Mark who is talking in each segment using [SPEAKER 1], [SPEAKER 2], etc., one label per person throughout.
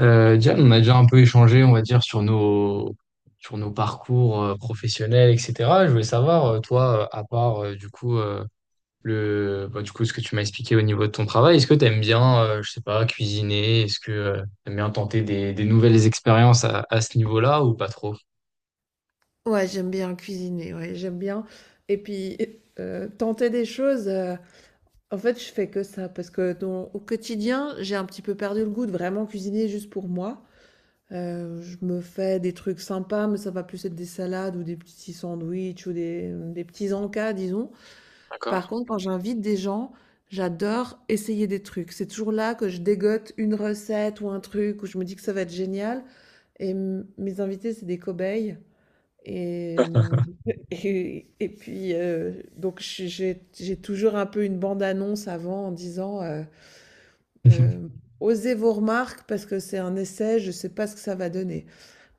[SPEAKER 1] Diane, on a déjà un peu échangé, on va dire, sur nos parcours professionnels, etc. Je voulais savoir, toi, à part du coup, ce que tu m'as expliqué au niveau de ton travail, est-ce que tu aimes bien, je sais pas, cuisiner? Est-ce que tu aimes bien tenter des nouvelles expériences à ce niveau-là ou pas trop?
[SPEAKER 2] Ouais, j'aime bien cuisiner, ouais, j'aime bien. Et puis, tenter des choses, en fait, je fais que ça, parce que au quotidien, j'ai un petit peu perdu le goût de vraiment cuisiner juste pour moi. Je me fais des trucs sympas, mais ça va plus être des salades ou des petits sandwichs ou des petits encas, disons.
[SPEAKER 1] D'accord.
[SPEAKER 2] Par contre, quand j'invite des gens, j'adore essayer des trucs. C'est toujours là que je dégote une recette ou un truc où je me dis que ça va être génial. Et mes invités, c'est des cobayes. Et et puis, donc je j'ai toujours un peu une bande-annonce avant en disant, hem: «Osez vos remarques parce que c'est un essai, je ne sais pas ce que ça va donner».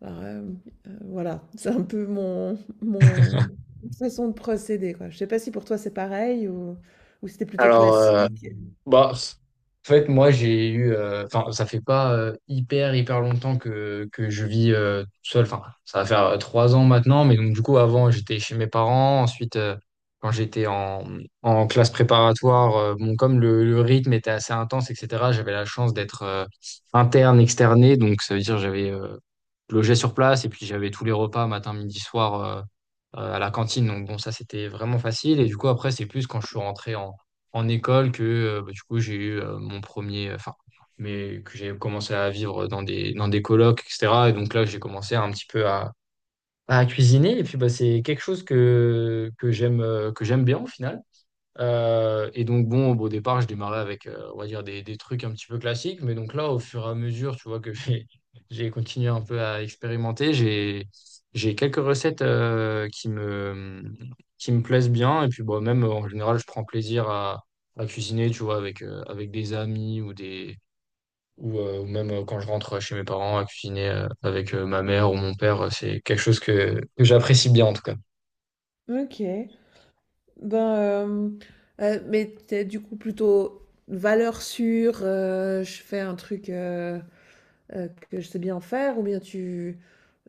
[SPEAKER 2] Alors, hem, voilà, c'est un peu mon façon de procéder, quoi. Je ne sais pas si pour toi c'est pareil ou c'était plutôt
[SPEAKER 1] Alors,
[SPEAKER 2] classique?
[SPEAKER 1] bah, en fait, moi, j'ai eu. Enfin, ça fait pas hyper, hyper longtemps que je vis tout seul. Enfin, ça va faire 3 ans maintenant. Mais donc, du coup, avant, j'étais chez mes parents. Ensuite, quand j'étais en classe préparatoire, bon, comme le rythme était assez intense, etc., j'avais la chance d'être interne, externé. Donc, ça veut dire j'avais logé sur place et puis j'avais tous les repas, matin, midi, soir, à la cantine. Donc, bon, ça, c'était vraiment facile. Et du coup, après, c'est plus quand je suis rentré en école que bah, du coup j'ai eu mon premier, enfin, mais que j'ai commencé à vivre dans des colocs, etc. Et donc là, j'ai commencé un petit peu à cuisiner. Et puis bah, c'est quelque chose que j'aime bien au final. Et donc bon, au départ, je démarrais avec, on va dire, des trucs un petit peu classiques. Mais donc là, au fur et à mesure, tu vois, que j'ai j'ai continué un peu à expérimenter, j'ai quelques recettes qui me plaisent bien. Et puis bon, même en général, je prends plaisir à cuisiner, tu vois, avec des amis ou des... Ou, ou même quand je rentre chez mes parents à cuisiner avec ma mère ou mon père, c'est quelque chose que j'apprécie bien en tout cas.
[SPEAKER 2] Mmh. OK. Ben, hem, mais t'es du coup plutôt valeur sûre, je fais un truc, que je sais bien faire ou bien tu,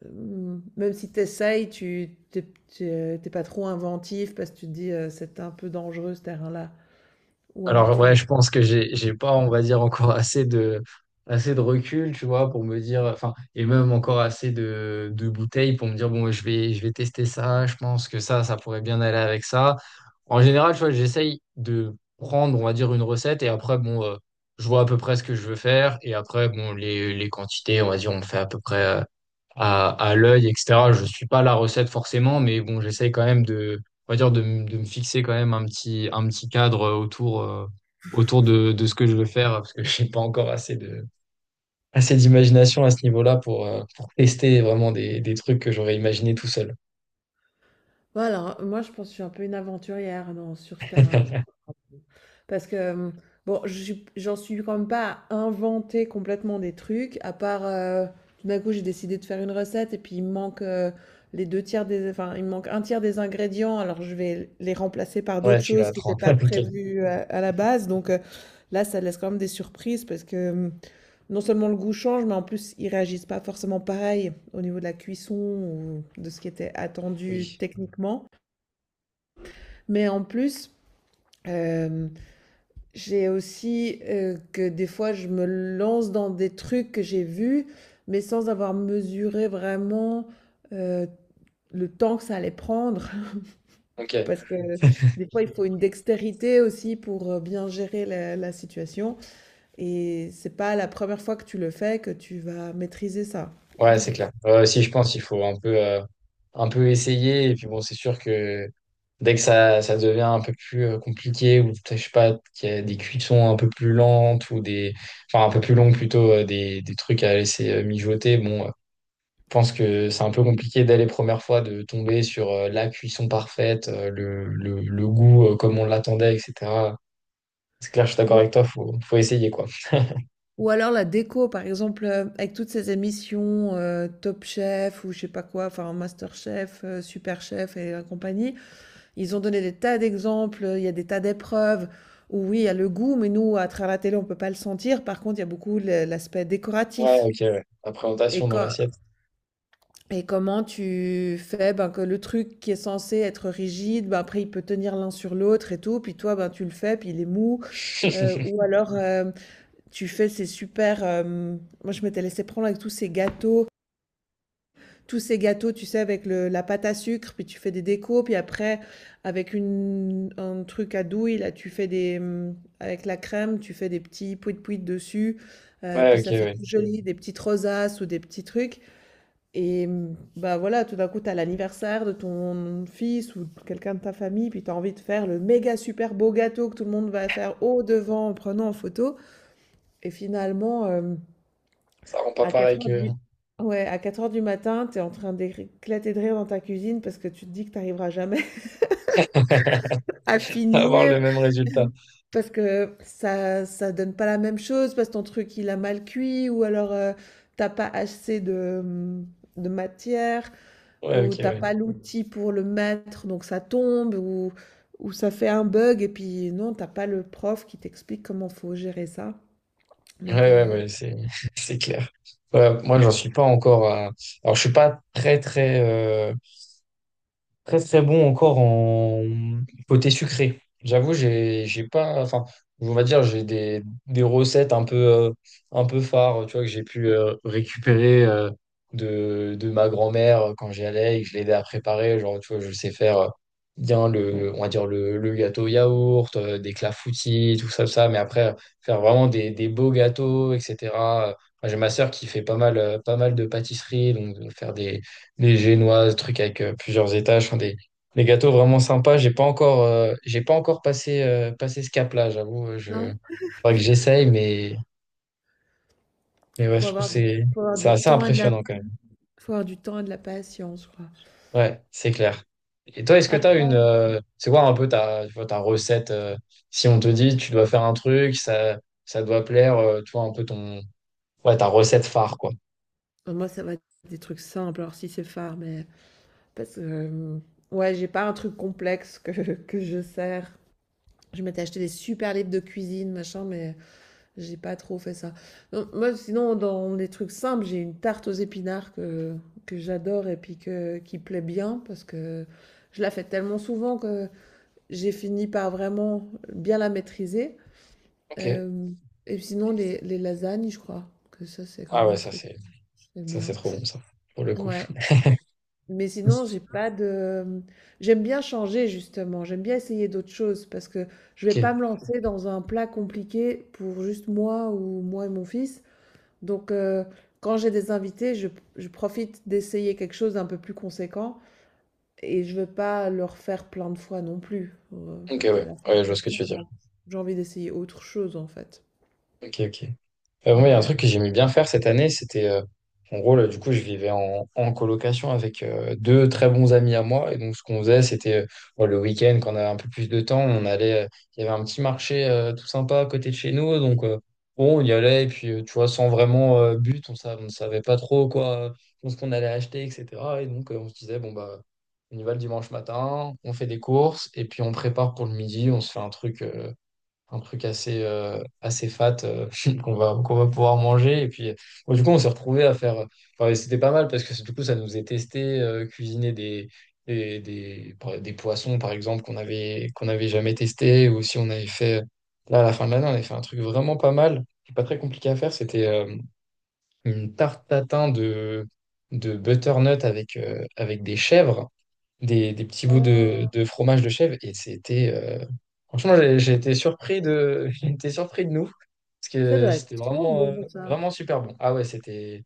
[SPEAKER 2] même si tu t'es p pas trop inventif parce que tu te dis, «C'est un peu dangereux ce terrain-là», ou alors
[SPEAKER 1] Alors
[SPEAKER 2] tu y
[SPEAKER 1] ouais, je pense que j'ai pas, on va dire, encore assez de recul, tu vois, pour me dire, enfin, et même encore assez de bouteilles pour me dire, bon, je vais tester ça, je pense que ça pourrait bien aller avec ça. En général, tu vois, j'essaye de prendre, on va dire, une recette et après, bon, je vois à peu près ce que je veux faire et après, bon, les quantités, on va dire, on fait à peu près, à l'œil, etc. Je suis pas la recette forcément, mais bon, j'essaye quand même de, on va dire, de me fixer quand même un petit cadre autour, autour de ce que je veux faire, parce que j'ai pas encore assez d'imagination à ce niveau-là pour tester vraiment des trucs que j'aurais imaginé tout seul.
[SPEAKER 2] voilà, moi je pense que je suis un peu une aventurière dans sur ce terrain-là. Parce que, bon, je suis j'en suis quand même pas à inventer complètement des trucs, à part, tout d'un coup, j'ai décidé de faire une recette et puis il me manque, les deux tiers des enfin, il me manque un tiers des ingrédients, alors je vais les remplacer par
[SPEAKER 1] Ouais,
[SPEAKER 2] d'autres
[SPEAKER 1] tu l'as
[SPEAKER 2] choses
[SPEAKER 1] à
[SPEAKER 2] qui n'étaient
[SPEAKER 1] 30.
[SPEAKER 2] pas
[SPEAKER 1] Ok.
[SPEAKER 2] prévues, à la base, donc là, ça laisse quand même des surprises parce que, non seulement le goût change, mais en plus, ils réagissent pas forcément pareil au niveau de la cuisson ou de ce qui était attendu
[SPEAKER 1] Oui.
[SPEAKER 2] techniquement. Mais en plus, j'ai aussi que des fois, je me lance dans des trucs que j'ai vus, mais sans avoir mesuré vraiment euh, le temps que ça allait prendre.
[SPEAKER 1] Ok.
[SPEAKER 2] Parce que des fois, il faut une dextérité aussi pour bien gérer la situation. Et c'est pas la première fois que tu le fais que tu vas maîtriser ça.
[SPEAKER 1] Ouais, c'est clair. Si je pense, qu'il faut un peu, un peu essayer. Et puis bon, c'est sûr que dès que ça devient un peu plus compliqué, ou je sais pas, qu'il y a des cuissons un peu plus lentes, ou des, enfin un peu plus longues plutôt, des trucs à laisser mijoter, bon, je pense que c'est un peu compliqué dès les premières fois de tomber sur la cuisson parfaite, le goût comme on l'attendait, etc. C'est clair, je suis d'accord avec
[SPEAKER 2] Ou,
[SPEAKER 1] toi, faut essayer quoi.
[SPEAKER 2] ou alors la déco, par exemple, avec toutes ces émissions Top Chef ou je sais pas quoi, enfin MasterChef, Chef, Super Chef et la compagnie. Ils ont donné des tas d'exemples, il y a des tas d'épreuves où oui, il y a le goût, mais nous, à travers la télé, on peut pas le sentir. Par contre, il y a beaucoup l'aspect
[SPEAKER 1] Ouais,
[SPEAKER 2] décoratif.
[SPEAKER 1] ok, ouais. La
[SPEAKER 2] Et,
[SPEAKER 1] présentation dans
[SPEAKER 2] co-
[SPEAKER 1] l'assiette.
[SPEAKER 2] et comment tu fais ben, que le truc qui est censé être rigide, ben, après il peut tenir l'un sur l'autre et tout, puis toi ben, tu le fais, puis il est mou. Ou alors tu fais ces super... moi je m'étais laissé prendre avec tous ces gâteaux, tu sais, avec la pâte à sucre, puis tu fais des décos, puis après, avec un truc à douille, là, tu fais des... Avec la crème, tu fais des petits pouit-pouit dessus,
[SPEAKER 1] Ouais,
[SPEAKER 2] puis
[SPEAKER 1] ok,
[SPEAKER 2] ça fait tout
[SPEAKER 1] ouais.
[SPEAKER 2] joli, des petites rosaces ou des petits trucs. Et bah voilà, tout d'un coup, t'as l'anniversaire de ton fils ou de quelqu'un de ta famille, puis t'as envie de faire le méga super beau gâteau que tout le monde va faire au devant en prenant en photo. Et finalement...
[SPEAKER 1] Ça rend pas
[SPEAKER 2] à
[SPEAKER 1] pareil
[SPEAKER 2] 4 heures
[SPEAKER 1] que.
[SPEAKER 2] du... Ouais, à 4 heures du matin, tu es en train d'éclater de rire dans ta cuisine parce que tu te dis que tu arriveras jamais à
[SPEAKER 1] Avoir
[SPEAKER 2] finir,
[SPEAKER 1] le même résultat.
[SPEAKER 2] parce que ça donne pas la même chose, parce que ton truc il a mal cuit, ou alors t'as pas assez de, de matière,
[SPEAKER 1] Ouais,
[SPEAKER 2] ou
[SPEAKER 1] ok,
[SPEAKER 2] t'as
[SPEAKER 1] ouais.
[SPEAKER 2] pas l'outil pour le mettre, donc ça tombe, ou ça fait un bug, et puis non, t'as pas le prof qui t'explique comment faut gérer ça.
[SPEAKER 1] Ouais,
[SPEAKER 2] Donc,
[SPEAKER 1] ouais, ouais, c'est, c'est clair. Ouais, moi, j'en suis pas encore à... Alors, je suis pas très très bon encore en côté sucré. J'avoue, j'ai pas, enfin, on va dire, j'ai des recettes un peu phares, tu vois, que j'ai pu récupérer de ma grand-mère quand j'y allais et que je l'aidais à préparer. Genre, tu vois, je sais faire bien le, on va dire le gâteau yaourt, des clafoutis, tout ça, tout ça. Mais après, faire vraiment des beaux gâteaux, etc. Enfin, j'ai ma sœur qui fait pas mal de pâtisserie, donc de faire des les génoises, trucs avec plusieurs étages, enfin, des gâteaux vraiment sympas. J'ai pas encore passé ce cap-là, j'avoue.
[SPEAKER 2] non,
[SPEAKER 1] Faudrait que j'essaye, mais ouais,
[SPEAKER 2] faut
[SPEAKER 1] je trouve que
[SPEAKER 2] avoir du, faut avoir
[SPEAKER 1] c'est
[SPEAKER 2] du
[SPEAKER 1] assez
[SPEAKER 2] temps et de la,
[SPEAKER 1] impressionnant quand même.
[SPEAKER 2] faut avoir du temps et de la patience, je crois.
[SPEAKER 1] Ouais, c'est clair. Et toi, est-ce que tu as
[SPEAKER 2] Après,
[SPEAKER 1] c'est quoi un peu ta recette, si on te dit tu dois faire un truc, ça doit plaire, tu vois, un peu ouais, ta recette phare, quoi.
[SPEAKER 2] moi, ça va être des trucs simples, alors si c'est phare, mais parce que ouais, j'ai pas un truc complexe que que je sers. Je m'étais acheté des super livres de cuisine, machin, mais j'ai pas trop fait ça. Non, moi, sinon, dans les trucs simples, j'ai une tarte aux épinards que j'adore et puis que qui plaît bien parce que je la fais tellement souvent que j'ai fini par vraiment bien la maîtriser.
[SPEAKER 1] Ok.
[SPEAKER 2] Hem, et sinon, les lasagnes, je crois que ça, c'est quand
[SPEAKER 1] Ah
[SPEAKER 2] même
[SPEAKER 1] ouais,
[SPEAKER 2] un truc que je fais
[SPEAKER 1] ça c'est
[SPEAKER 2] bien.
[SPEAKER 1] trop bon, ça, pour le coup.
[SPEAKER 2] Ouais. Mais sinon, j'ai pas de... J'aime bien changer justement, j'aime bien essayer d'autres choses parce que je vais pas
[SPEAKER 1] Ok,
[SPEAKER 2] me lancer dans un plat compliqué pour juste moi ou moi et mon fils. Donc quand j'ai des invités, je profite d'essayer quelque chose d'un peu plus conséquent et je veux pas leur faire plein de fois non plus. En
[SPEAKER 1] ok,
[SPEAKER 2] fait, à
[SPEAKER 1] ouais,
[SPEAKER 2] la fin
[SPEAKER 1] ouais, je
[SPEAKER 2] de
[SPEAKER 1] vois
[SPEAKER 2] la
[SPEAKER 1] ce que tu
[SPEAKER 2] place,
[SPEAKER 1] veux dire.
[SPEAKER 2] j'ai envie d'essayer autre chose en fait.
[SPEAKER 1] Ok, ok. Moi, il y
[SPEAKER 2] Donc
[SPEAKER 1] a un truc que j'aimais bien faire cette année, c'était, en gros, là, du coup, je vivais en, en colocation avec deux très bons amis à moi. Et donc, ce qu'on faisait, c'était bon, le week-end, quand on avait un peu plus de temps, on allait, il y avait un petit marché tout sympa à côté de chez nous. Donc, bon, on y allait, et puis, tu vois, sans vraiment but, on ne savait pas trop quoi, ce qu'on allait acheter, etc. Et donc, on se disait, bon, bah, on y va le dimanche matin, on fait des courses, et puis on prépare pour le midi, on se fait un truc assez, assez fat qu'on va pouvoir manger. Et puis, bon, du coup, on s'est retrouvés à faire, enfin, et c'était pas mal parce que du coup, ça nous a testé, cuisiner des poissons, par exemple, qu'on avait jamais testé. Ou si on avait fait. Là, à la fin de l'année, on avait fait un truc vraiment pas mal, qui est pas très compliqué à faire. C'était une tarte tatin de butternut avec des petits bouts de fromage de chèvre et c'était franchement j'ai été surpris de j'ai été surpris de nous parce
[SPEAKER 2] ça
[SPEAKER 1] que
[SPEAKER 2] doit être
[SPEAKER 1] c'était
[SPEAKER 2] trop
[SPEAKER 1] vraiment
[SPEAKER 2] bon
[SPEAKER 1] euh,
[SPEAKER 2] pour ça.
[SPEAKER 1] vraiment super bon. Ah ouais, c'était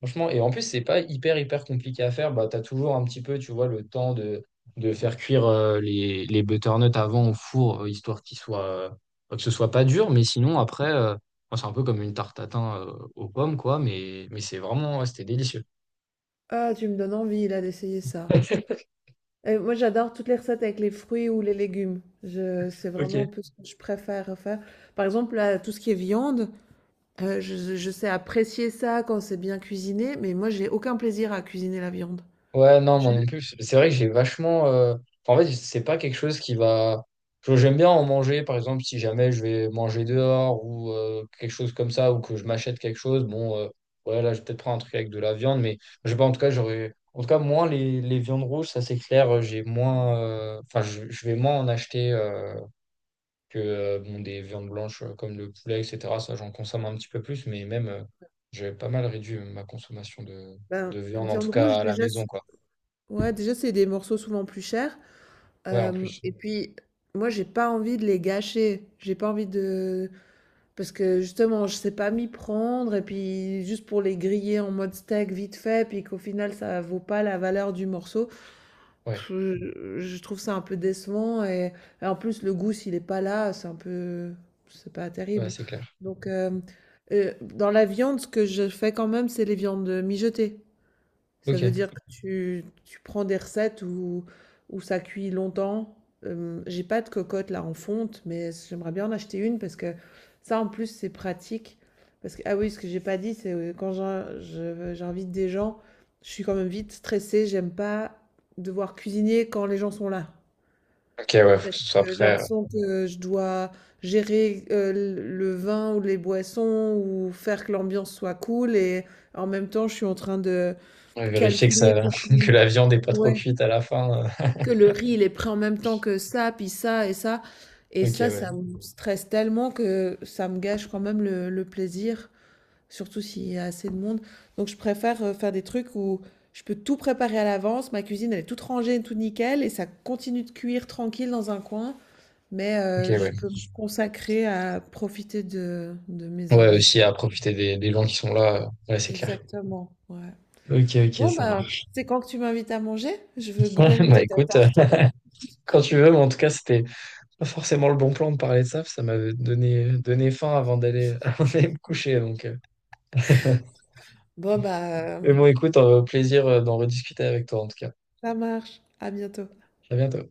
[SPEAKER 1] franchement et en plus c'est pas hyper hyper compliqué à faire, bah t'as toujours un petit peu, tu vois, le temps de faire cuire les butternuts avant au four histoire qu'ils soient que ce soit pas dur mais sinon après bon, c'est un peu comme une tarte tatin aux pommes quoi mais c'est vraiment ouais, c'était délicieux.
[SPEAKER 2] Ah, tu me donnes envie là d'essayer ça. Et moi, j'adore toutes les recettes avec les fruits ou les légumes. Je, c'est
[SPEAKER 1] Ok.
[SPEAKER 2] vraiment un peu ce que je préfère faire. Par exemple, là, tout ce qui est viande, je sais apprécier ça quand c'est bien cuisiné, mais moi, j'ai aucun plaisir à cuisiner la viande.
[SPEAKER 1] Ouais, non, moi
[SPEAKER 2] Je-
[SPEAKER 1] non plus. C'est vrai que j'ai vachement, enfin, en fait, c'est pas quelque chose qui va. J'aime bien en manger, par exemple, si jamais je vais manger dehors ou quelque chose comme ça, ou que je m'achète quelque chose. Bon, ouais, là, je vais peut-être prendre un truc avec de la viande, mais je sais pas, en tout cas, j'aurais. En tout cas, moins les viandes rouges, ça c'est clair, j'ai moins. Enfin, je vais moins en acheter que bon, des viandes blanches comme le poulet, etc. Ça, j'en consomme un petit peu plus, mais même, j'ai pas mal réduit ma consommation de,
[SPEAKER 2] ben,
[SPEAKER 1] de viande, en tout
[SPEAKER 2] viande rouge,
[SPEAKER 1] cas à la
[SPEAKER 2] déjà,
[SPEAKER 1] maison, quoi.
[SPEAKER 2] ouais, déjà, c'est des morceaux souvent plus chers.
[SPEAKER 1] Ouais, en plus.
[SPEAKER 2] Et puis, moi, j'ai pas envie de les gâcher. J'ai pas envie de... Parce que justement, je sais pas m'y prendre, et puis juste pour les griller en mode steak vite fait, puis qu'au final, ça vaut pas la valeur du morceau.
[SPEAKER 1] Ouais,
[SPEAKER 2] Pff, je trouve ça un peu décevant et en plus le goût s'il est pas là, c'est un peu c'est pas
[SPEAKER 1] ouais,
[SPEAKER 2] terrible.
[SPEAKER 1] c'est clair.
[SPEAKER 2] Donc dans la viande, ce que je fais quand même, c'est les viandes mijotées. Ça veut dire
[SPEAKER 1] Ok.
[SPEAKER 2] que tu prends des recettes où ça cuit longtemps. J'ai pas de cocotte là en fonte, mais j'aimerais bien en acheter une parce que ça en plus c'est pratique. Parce que, ah oui, ce que j'ai pas dit, c'est quand j'invite des gens, je suis quand même vite stressée. J'aime pas devoir cuisiner quand les gens sont là.
[SPEAKER 1] Ok, ouais, faut que
[SPEAKER 2] Parce
[SPEAKER 1] ce soit
[SPEAKER 2] que j'ai
[SPEAKER 1] prêt.
[SPEAKER 2] l'impression que je dois gérer le vin ou les boissons ou faire que l'ambiance soit cool et en même temps je suis en train de
[SPEAKER 1] Ouais, vérifier que ça,
[SPEAKER 2] calculer pour que,
[SPEAKER 1] que la viande est pas trop
[SPEAKER 2] ouais,
[SPEAKER 1] cuite à la fin.
[SPEAKER 2] que le riz, il est prêt en même temps que ça, puis ça et ça. Et
[SPEAKER 1] Ok,
[SPEAKER 2] ça,
[SPEAKER 1] ouais.
[SPEAKER 2] ça me stresse tellement que ça me gâche quand même le plaisir, surtout s'il y a assez de monde. Donc, je préfère faire des trucs où je peux tout préparer à l'avance. Ma cuisine, elle est toute rangée, tout nickel, et ça continue de cuire tranquille dans un coin. Mais
[SPEAKER 1] Ok,
[SPEAKER 2] je
[SPEAKER 1] ouais.
[SPEAKER 2] peux me consacrer à profiter de mes
[SPEAKER 1] Ouais,
[SPEAKER 2] invités.
[SPEAKER 1] aussi à profiter des gens qui sont là. Ouais, c'est clair.
[SPEAKER 2] Exactement, ouais.
[SPEAKER 1] Ok, ok,
[SPEAKER 2] Bon,
[SPEAKER 1] ça
[SPEAKER 2] bah,
[SPEAKER 1] marche.
[SPEAKER 2] c'est quand que tu m'invites à manger? Je veux bien
[SPEAKER 1] Bah
[SPEAKER 2] goûter ta
[SPEAKER 1] écoute,
[SPEAKER 2] tarte.
[SPEAKER 1] quand tu veux, mais en tout cas, c'était pas forcément le bon plan de parler de ça parce que ça m'avait donné faim avant d'aller avant d'aller me coucher. Donc,
[SPEAKER 2] Bon, bah,
[SPEAKER 1] Mais bon, écoute, plaisir d'en rediscuter avec toi, en tout cas.
[SPEAKER 2] ça marche. À bientôt.
[SPEAKER 1] À bientôt.